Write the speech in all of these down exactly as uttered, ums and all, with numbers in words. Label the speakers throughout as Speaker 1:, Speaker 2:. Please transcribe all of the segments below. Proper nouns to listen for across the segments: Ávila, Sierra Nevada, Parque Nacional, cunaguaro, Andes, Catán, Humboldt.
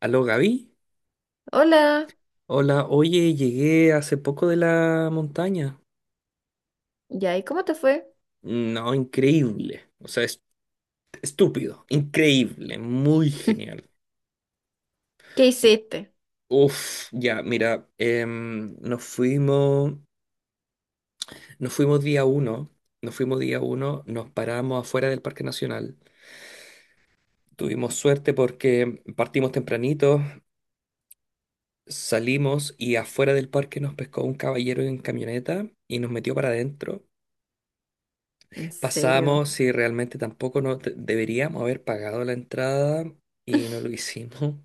Speaker 1: Aló Gaby,
Speaker 2: Hola,
Speaker 1: hola, oye, llegué hace poco de la montaña.
Speaker 2: ya, ¿y cómo te fue?
Speaker 1: No, increíble, o sea, es- estúpido, increíble, muy genial.
Speaker 2: ¿Qué hiciste?
Speaker 1: Uf, ya, mira, em, nos fuimos, nos fuimos día uno, nos fuimos día uno, nos paramos afuera del Parque Nacional. Tuvimos suerte porque partimos tempranito, salimos y afuera del parque nos pescó un caballero en camioneta y nos metió para adentro.
Speaker 2: ¿En serio?
Speaker 1: Pasamos si realmente tampoco no te- deberíamos haber pagado la entrada y no lo hicimos.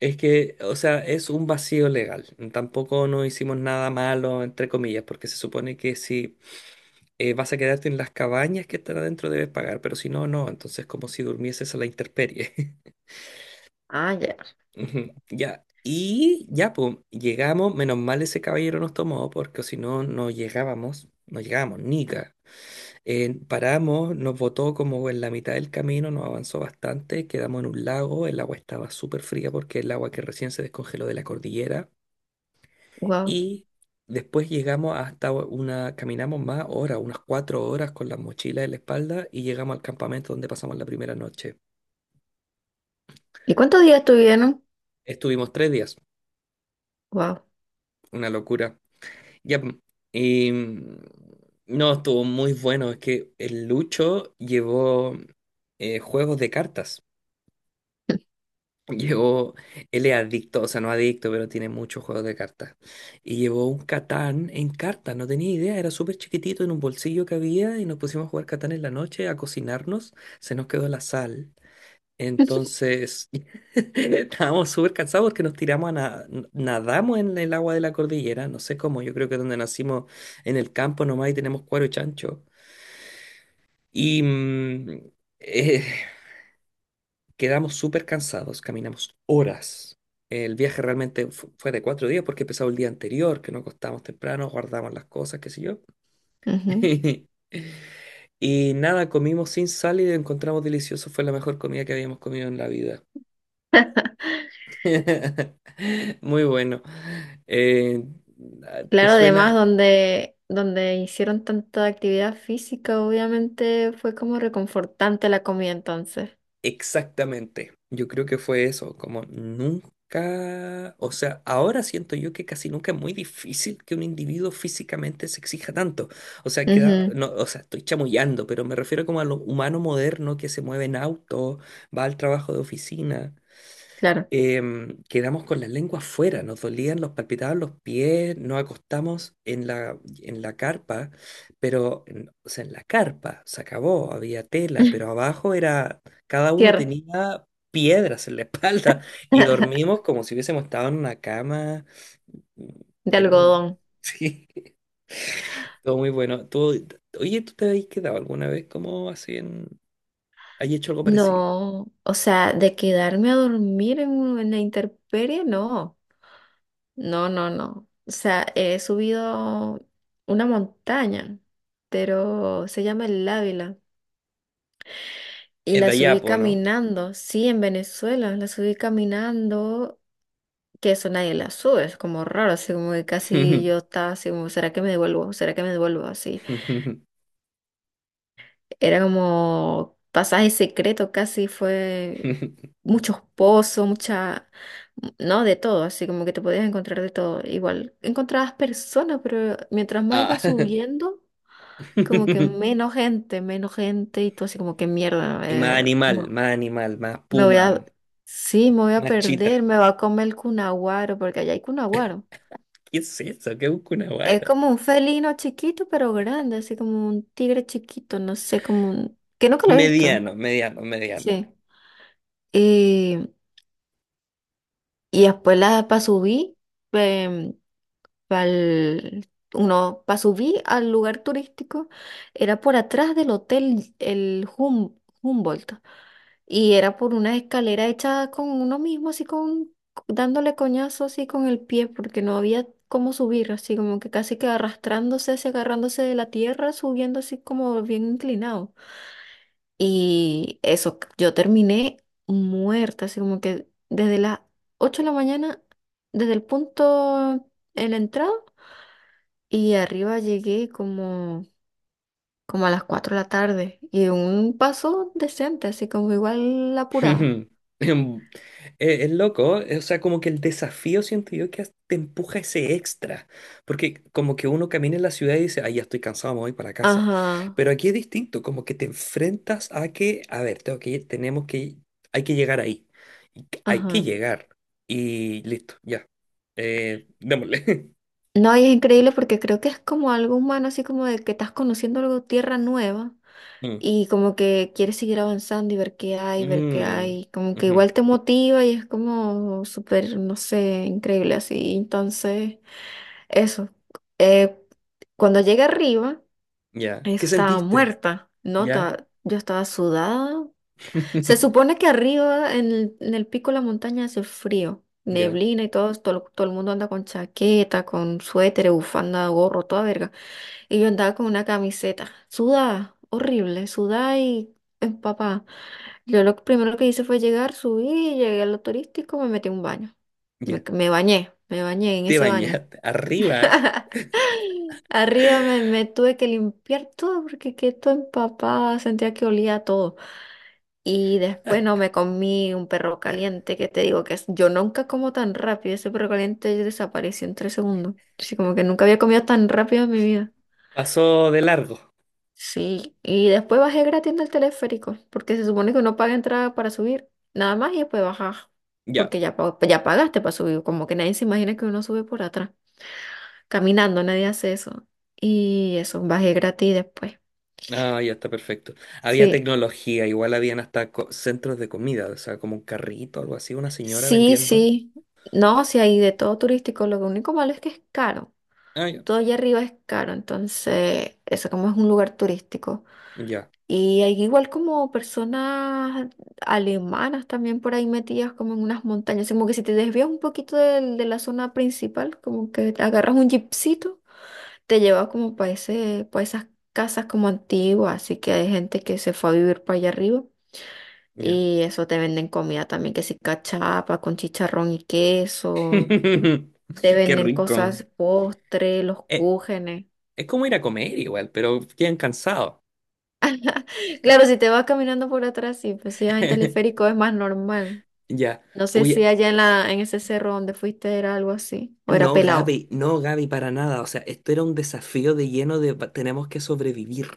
Speaker 1: Es que, o sea, es un vacío legal. Tampoco no hicimos nada malo, entre comillas, porque se supone que si eh, vas a quedarte en las cabañas que están adentro debes pagar, pero si no, no. Entonces como si durmieses a la intemperie.
Speaker 2: Ah, ya.
Speaker 1: Ujú, ya. Y ya, pues, llegamos. Menos mal ese caballero nos tomó, porque si no, no llegábamos. No llegábamos, nica. Eh, paramos, nos botó como en la mitad del camino, nos avanzó bastante, quedamos en un lago, el agua estaba súper fría porque el agua que recién se descongeló de la cordillera
Speaker 2: Wow.
Speaker 1: y después llegamos hasta una, caminamos más horas, unas cuatro horas con las mochilas en la espalda y llegamos al campamento donde pasamos la primera noche.
Speaker 2: ¿Y cuántos días estuvieron?
Speaker 1: Estuvimos tres días,
Speaker 2: Wow.
Speaker 1: una locura. Ya, pm, y mm, no, estuvo muy bueno, es que el Lucho llevó eh, juegos de cartas. Llevó, él es adicto, o sea, no adicto, pero tiene muchos juegos de cartas. Y llevó un Catán en cartas, no tenía idea, era súper chiquitito en un bolsillo que había y nos pusimos a jugar Catán en la noche, a cocinarnos, se nos quedó la sal. Entonces, estábamos súper cansados porque nos tiramos a na- nadamos en el agua de la cordillera, no sé cómo, yo creo que donde nacimos en el campo nomás y tenemos cuero y chancho. Y mm, Quedamos súper cansados, caminamos horas. El viaje realmente fu- fue de cuatro días porque empezó el día anterior, que nos acostamos temprano, guardamos las cosas, qué sé yo.
Speaker 2: Ujú.
Speaker 1: Y nada, comimos sin sal y lo encontramos delicioso. Fue la mejor comida que habíamos comido en la vida. Muy bueno. Eh, ¿Te
Speaker 2: Claro, además
Speaker 1: suena?
Speaker 2: donde, donde hicieron tanta actividad física, obviamente fue como reconfortante la comida entonces.
Speaker 1: Exactamente, yo creo que fue eso, como nunca, o sea, ahora siento yo que casi nunca es muy difícil que un individuo físicamente se exija tanto, o sea, queda,
Speaker 2: Ujú,
Speaker 1: no, o sea, estoy chamullando, pero me refiero como a lo humano moderno que se mueve en auto, va al trabajo de oficina,
Speaker 2: claro.
Speaker 1: em, quedamos con las lenguas fuera, nos dolían, nos palpitaban los pies, nos acostamos en la, en la carpa, pero, en- o sea, en la carpa se acabó, había tela, pero abajo era, cada uno
Speaker 2: Tierra.
Speaker 1: tenía piedras en la espalda y dormimos como si hubiésemos estado en una cama
Speaker 2: De
Speaker 1: de nubes.
Speaker 2: algodón.
Speaker 1: Sí, todo muy bueno. Tú- oye, ¿tú te habéis quedado alguna vez como así en... ¿Hay hecho algo parecido?
Speaker 2: No, o sea, de quedarme a dormir en, en la intemperie, no. No, no, no. O sea, he subido una montaña, pero se llama el Ávila. Y
Speaker 1: Es de
Speaker 2: la
Speaker 1: allá,
Speaker 2: subí
Speaker 1: po, ¿no?
Speaker 2: caminando, sí, en Venezuela, la subí caminando, que eso nadie la sube, es como raro, así como que casi yo estaba así como, ¿será que me devuelvo? ¿Será que me devuelvo? Así. Era como pasaje secreto, casi fue muchos pozos, mucha, no, de todo, así como que te podías encontrar de todo. Igual encontrabas personas, pero mientras más
Speaker 1: Ah.
Speaker 2: ibas subiendo, como que menos gente, menos gente, y tú así como que mierda,
Speaker 1: Y más
Speaker 2: eh,
Speaker 1: animal,
Speaker 2: no,
Speaker 1: más animal, más
Speaker 2: me voy
Speaker 1: puma,
Speaker 2: a, sí, me voy a
Speaker 1: más
Speaker 2: perder,
Speaker 1: chita.
Speaker 2: me va a comer el cunaguaro, porque allá hay cunaguaro.
Speaker 1: ¿Qué es eso? ¿Qué busca una
Speaker 2: Es
Speaker 1: guata?
Speaker 2: como un felino chiquito, pero grande, así como un tigre chiquito, no sé, como un... que nunca lo he visto.
Speaker 1: Mediano, mediano, mediano.
Speaker 2: Sí. Y, y después la pa subí, em, pa'l- uno pa subí al lugar turístico, era por atrás del hotel el Hum- Humboldt y era por una escalera hecha con uno mismo, así con dándole coñazo así con el pie porque no había cómo subir, así como que casi que arrastrándose, así agarrándose de la tierra, subiendo así como bien inclinado. Y eso, yo terminé muerta, así como que desde las ocho de la mañana, desde el punto en la entrada, y arriba llegué como, como a las cuatro de la tarde. Y un paso decente, así como igual apurada.
Speaker 1: Em, eh, Es, loco, eh, o sea, como que el desafío siento yo que te empuja ese extra, porque como que uno camina en la ciudad y dice, ay, ya estoy cansado, me voy para casa.
Speaker 2: Ajá,
Speaker 1: Pero aquí es distinto, como que te enfrentas a que, a ver, tengo que ir, tenemos que, hay que llegar ahí, y que- hay que
Speaker 2: ajá.
Speaker 1: llegar y listo, ya, eh, démosle.
Speaker 2: No, y es increíble porque creo que es como algo humano, así como de que estás conociendo algo, tierra nueva. Y como que quieres seguir avanzando y ver qué hay, ver qué
Speaker 1: Mm,
Speaker 2: hay, como que
Speaker 1: ujú,
Speaker 2: igual te motiva y es como súper, no sé, increíble así. Entonces, eso. Eh, cuando llegué arriba,
Speaker 1: ya.
Speaker 2: eso
Speaker 1: ¿Qué
Speaker 2: estaba
Speaker 1: sentiste?
Speaker 2: muerta, ¿no?
Speaker 1: Ya.
Speaker 2: Ta- yo estaba sudada. Se supone que arriba, en el, en el pico de la montaña, hace frío.
Speaker 1: Ya,
Speaker 2: Neblina y todo, todo, todo el mundo anda con chaqueta, con suéter, bufanda, gorro, toda verga. Y yo andaba con una camiseta, sudada, horrible, sudada y empapada. Yo lo primero que hice fue llegar, subí, llegué a lo turístico, me metí a un baño.
Speaker 1: ya.
Speaker 2: Me, me bañé, me bañé en
Speaker 1: Te
Speaker 2: ese baño.
Speaker 1: bañaste. Arriba.
Speaker 2: Arriba me, me tuve que limpiar todo porque quedé todo empapada, sentía que olía a todo. Y después no me comí un perro caliente, que te digo que es- yo nunca como tan rápido, ese perro caliente desapareció en tres segundos. Así como que nunca había comido tan rápido en mi vida.
Speaker 1: Pasó de largo.
Speaker 2: Sí, y después bajé gratis del teleférico, porque se supone que uno paga entrada para subir, nada más y después bajas,
Speaker 1: Ya.
Speaker 2: porque ya, pa- ya pagaste para subir, como que nadie se imagina que uno sube por atrás, caminando, nadie hace eso. Y eso, bajé gratis después.
Speaker 1: Ah, ya está perfecto. Había
Speaker 2: Sí,
Speaker 1: tecnología, igual habían hasta co- centros de comida, o sea, como un carrito, algo así, una señora
Speaker 2: sí,
Speaker 1: vendiendo.
Speaker 2: sí. No, sí hay de todo turístico, lo único malo es que es caro,
Speaker 1: Ah, ya.
Speaker 2: todo allá arriba es caro, entonces eso como es un lugar turístico.
Speaker 1: Ya,
Speaker 2: Y hay igual como personas alemanas también por ahí metidas como en unas montañas. Como que si te desvías un poquito del- de, la zona principal, como que te agarras un jeepcito, te lleva como para ese, para esas casas como antiguas. Así que hay gente que se fue a vivir para allá arriba.
Speaker 1: ya.
Speaker 2: Y eso te venden comida también, que si cachapa con chicharrón y queso. Te
Speaker 1: Qué
Speaker 2: venden
Speaker 1: rico.
Speaker 2: cosas, postre, los
Speaker 1: Eh,
Speaker 2: cúgenes.
Speaker 1: es como ir a comer igual, pero quedan cansados.
Speaker 2: Claro, si te vas caminando por atrás, sí, pues si vas en teleférico es más normal.
Speaker 1: Ya.
Speaker 2: No sé si
Speaker 1: Oye.
Speaker 2: allá en la, en ese cerro donde fuiste era algo así, o era
Speaker 1: No,
Speaker 2: pelado.
Speaker 1: Gaby, no, Gaby, para nada. O sea, esto era un desafío de lleno de va- tenemos que sobrevivir,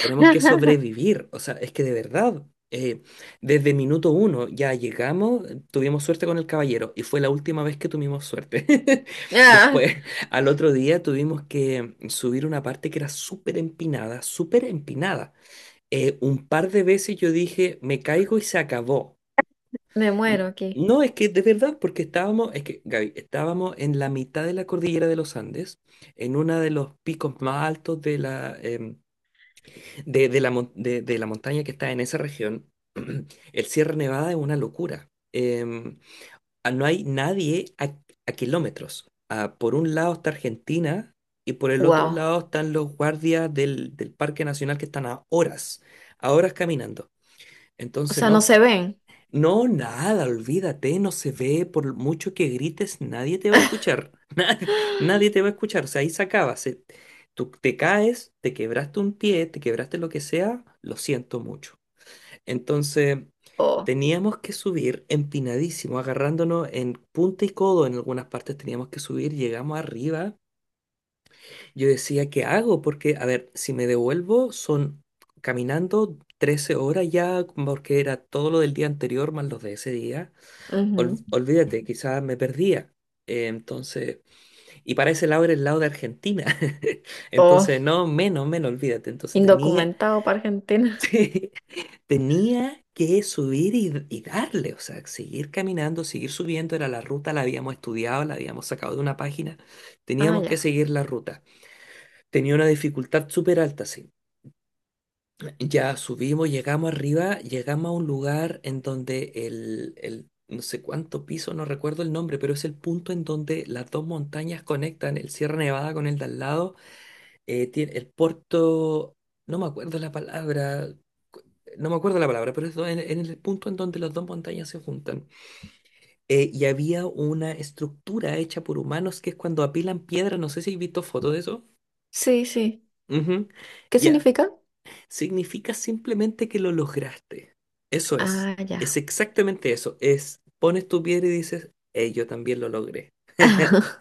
Speaker 1: tenemos que sobrevivir. O sea, es que de verdad, eh, desde minuto uno ya llegamos, eh, tuvimos suerte con el caballero y fue la última vez que tuvimos suerte.
Speaker 2: Ah,
Speaker 1: Después, al otro día tuvimos que subir una parte que era súper empinada, súper empinada. Eh, un par de veces yo dije, me caigo y se acabó.
Speaker 2: me muero
Speaker 1: N-
Speaker 2: aquí.
Speaker 1: No, es que de verdad, porque estábamos, es que Gaby, estábamos en la mitad de la cordillera de los Andes, en uno de los picos más altos de la, em, de, de la, mon- de- de la montaña que está en esa región. El Sierra Nevada es una locura. Em, ah, no hay nadie a, a kilómetros. Ah, por un lado está Argentina y por el otro
Speaker 2: Wow.
Speaker 1: lado están los guardias del, del Parque Nacional que están a horas, a horas caminando.
Speaker 2: O
Speaker 1: Entonces,
Speaker 2: sea, no
Speaker 1: no,
Speaker 2: se ven.
Speaker 1: no, nada, olvídate, no se ve, por mucho que grites, nadie te va a escuchar. Nadie, nadie te va a escuchar, o sea, ahí se acaba. Se- tú te caes, te quebraste un pie, te quebraste lo que sea, lo siento mucho. Entonces,
Speaker 2: Oh,
Speaker 1: teníamos que subir empinadísimo, agarrándonos en punta y codo en algunas partes teníamos que subir, llegamos arriba. Yo decía, ¿qué hago? Porque, a ver, si me devuelvo, son caminando trece horas ya, porque era todo lo del día anterior más los de ese día ol-
Speaker 2: ujú.
Speaker 1: olvídate, quizás me perdía. Eh, entonces, y para ese lado era el lado de Argentina. Entonces,
Speaker 2: Oh,
Speaker 1: no, menos, menos, olvídate. Entonces tenía,
Speaker 2: indocumentado para Argentina.
Speaker 1: sí, tenía que subir y, y darle, o sea, seguir caminando, seguir subiendo. Era la ruta, la habíamos estudiado, la habíamos sacado de una página.
Speaker 2: Ah,
Speaker 1: Teníamos que
Speaker 2: ya.
Speaker 1: seguir la ruta. Tenía una dificultad súper alta, sí. Ya subimos, llegamos arriba, llegamos a un lugar en donde el, el no sé cuánto piso, no recuerdo el nombre, pero es el punto en donde las dos montañas conectan, el Sierra Nevada con el de al lado, eh, tiene el puerto, no me acuerdo la palabra, no me acuerdo la palabra, pero es do- en, en el punto en donde las dos montañas se juntan. Eh, y había una estructura hecha por humanos que es cuando apilan piedra, no sé si has visto fotos de eso.
Speaker 2: Sí, sí.
Speaker 1: Ujú.
Speaker 2: ¿Qué
Speaker 1: Ya,
Speaker 2: significa?
Speaker 1: significa simplemente que lo lograste. Eso es,
Speaker 2: Ah,
Speaker 1: es
Speaker 2: ya.
Speaker 1: exactamente eso. Es, pones tu piedra y dices, hey, yo también lo logré.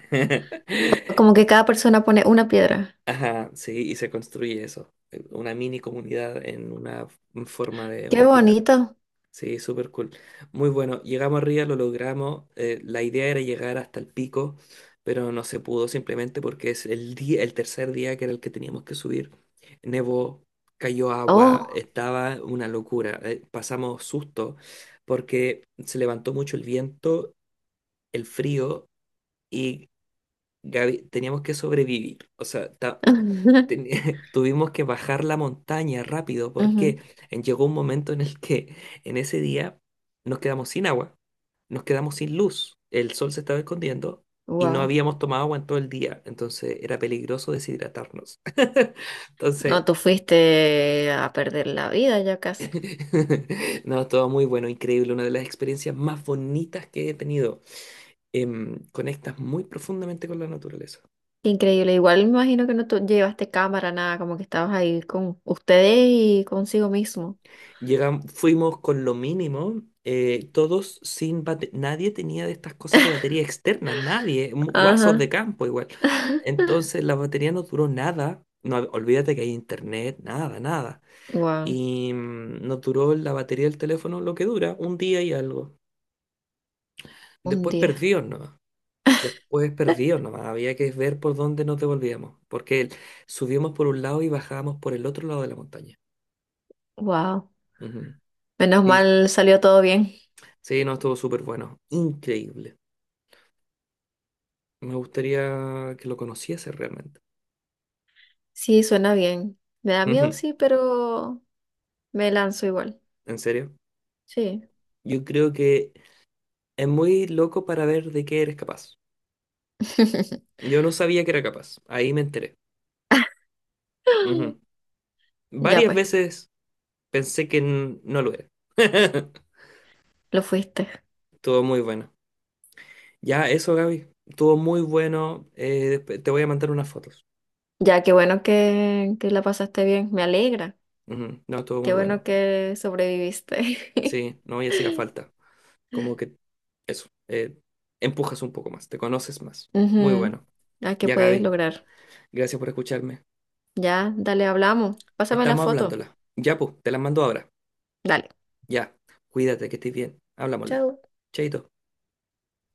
Speaker 2: Como que cada persona pone una piedra.
Speaker 1: Ajá, sí, y se construye eso, eh, una mini comunidad en una f- en forma de
Speaker 2: Qué
Speaker 1: un pilar.
Speaker 2: bonito.
Speaker 1: Sí, súper cool. Muy bueno. Llegamos arriba, lo logramos. Eh, la idea era llegar hasta el pico, pero no se pudo simplemente porque es el día, el tercer día que era el que teníamos que subir. Nevó, cayó agua,
Speaker 2: Oh.
Speaker 1: estaba una locura. Eh, pasamos susto porque se levantó mucho el viento, el frío y Gaby, teníamos que sobrevivir. O sea, ta- teni- tuvimos que bajar la montaña rápido porque en- llegó un momento en el que en ese día nos quedamos sin agua, nos quedamos sin luz, el sol se estaba escondiendo y no
Speaker 2: Wow.
Speaker 1: habíamos tomado agua en todo el día, entonces era peligroso deshidratarnos.
Speaker 2: No,
Speaker 1: Entonces,
Speaker 2: tú fuiste a perder la vida ya casi.
Speaker 1: no, todo muy bueno, increíble, una de las experiencias más bonitas que he tenido. Em, conectas muy profundamente con la naturaleza.
Speaker 2: Qué increíble, igual me imagino que no tu- llevaste cámara, nada, como que estabas ahí con ustedes y consigo mismo.
Speaker 1: Llegamos, fuimos con lo mínimo, eh, todos sin bate- nadie tenía de estas cosas de batería externas, nadie, mu- guasos de
Speaker 2: Ajá.
Speaker 1: campo igual. Entonces la batería no duró nada, no, hab- olvídate que hay internet, nada, nada.
Speaker 2: Wow,
Speaker 1: Y mm, nos duró la batería del teléfono lo que dura, un día y algo.
Speaker 2: un
Speaker 1: Después
Speaker 2: día.
Speaker 1: perdió nomás, después perdió nomás, había que ver por dónde nos devolvíamos, porque el- subíamos por un lado y bajábamos por el otro lado de la montaña.
Speaker 2: Wow.
Speaker 1: Ujú.
Speaker 2: Menos
Speaker 1: Sí,
Speaker 2: mal salió todo bien.
Speaker 1: sí, no, estuvo súper bueno, increíble. Me gustaría que lo conociese realmente.
Speaker 2: Sí, suena bien. Me da miedo,
Speaker 1: Ujú.
Speaker 2: sí, pero me lanzo igual.
Speaker 1: ¿En serio?
Speaker 2: Sí.
Speaker 1: Yo creo que es muy loco para ver de qué eres capaz. Yo no sabía que era capaz. Ahí me enteré. Ujú.
Speaker 2: Ya
Speaker 1: Varias
Speaker 2: pues,
Speaker 1: veces pensé que n- no lo era.
Speaker 2: lo fuiste.
Speaker 1: Todo muy bueno. Ya, eso, Gaby. Todo muy bueno. Eh, desp- te voy a mandar unas fotos.
Speaker 2: Ya, qué bueno que, que la pasaste bien. Me alegra.
Speaker 1: Ujú. No, todo
Speaker 2: Qué
Speaker 1: muy
Speaker 2: bueno
Speaker 1: bueno.
Speaker 2: que sobreviviste.
Speaker 1: Sí, no me hacía falta. Como que eso. Eh, empujas un poco más. Te conoces más. Muy
Speaker 2: Ujú.
Speaker 1: bueno.
Speaker 2: A que
Speaker 1: Ya,
Speaker 2: puedes
Speaker 1: Gaby.
Speaker 2: lograr.
Speaker 1: Gracias por escucharme.
Speaker 2: Ya, dale, hablamos. Pásame la
Speaker 1: Estamos
Speaker 2: foto.
Speaker 1: hablándola. Ya, pues, te la mando ahora.
Speaker 2: Dale.
Speaker 1: Ya, cuídate, que estés bien. Hablámosle.
Speaker 2: Chao.
Speaker 1: Chaito.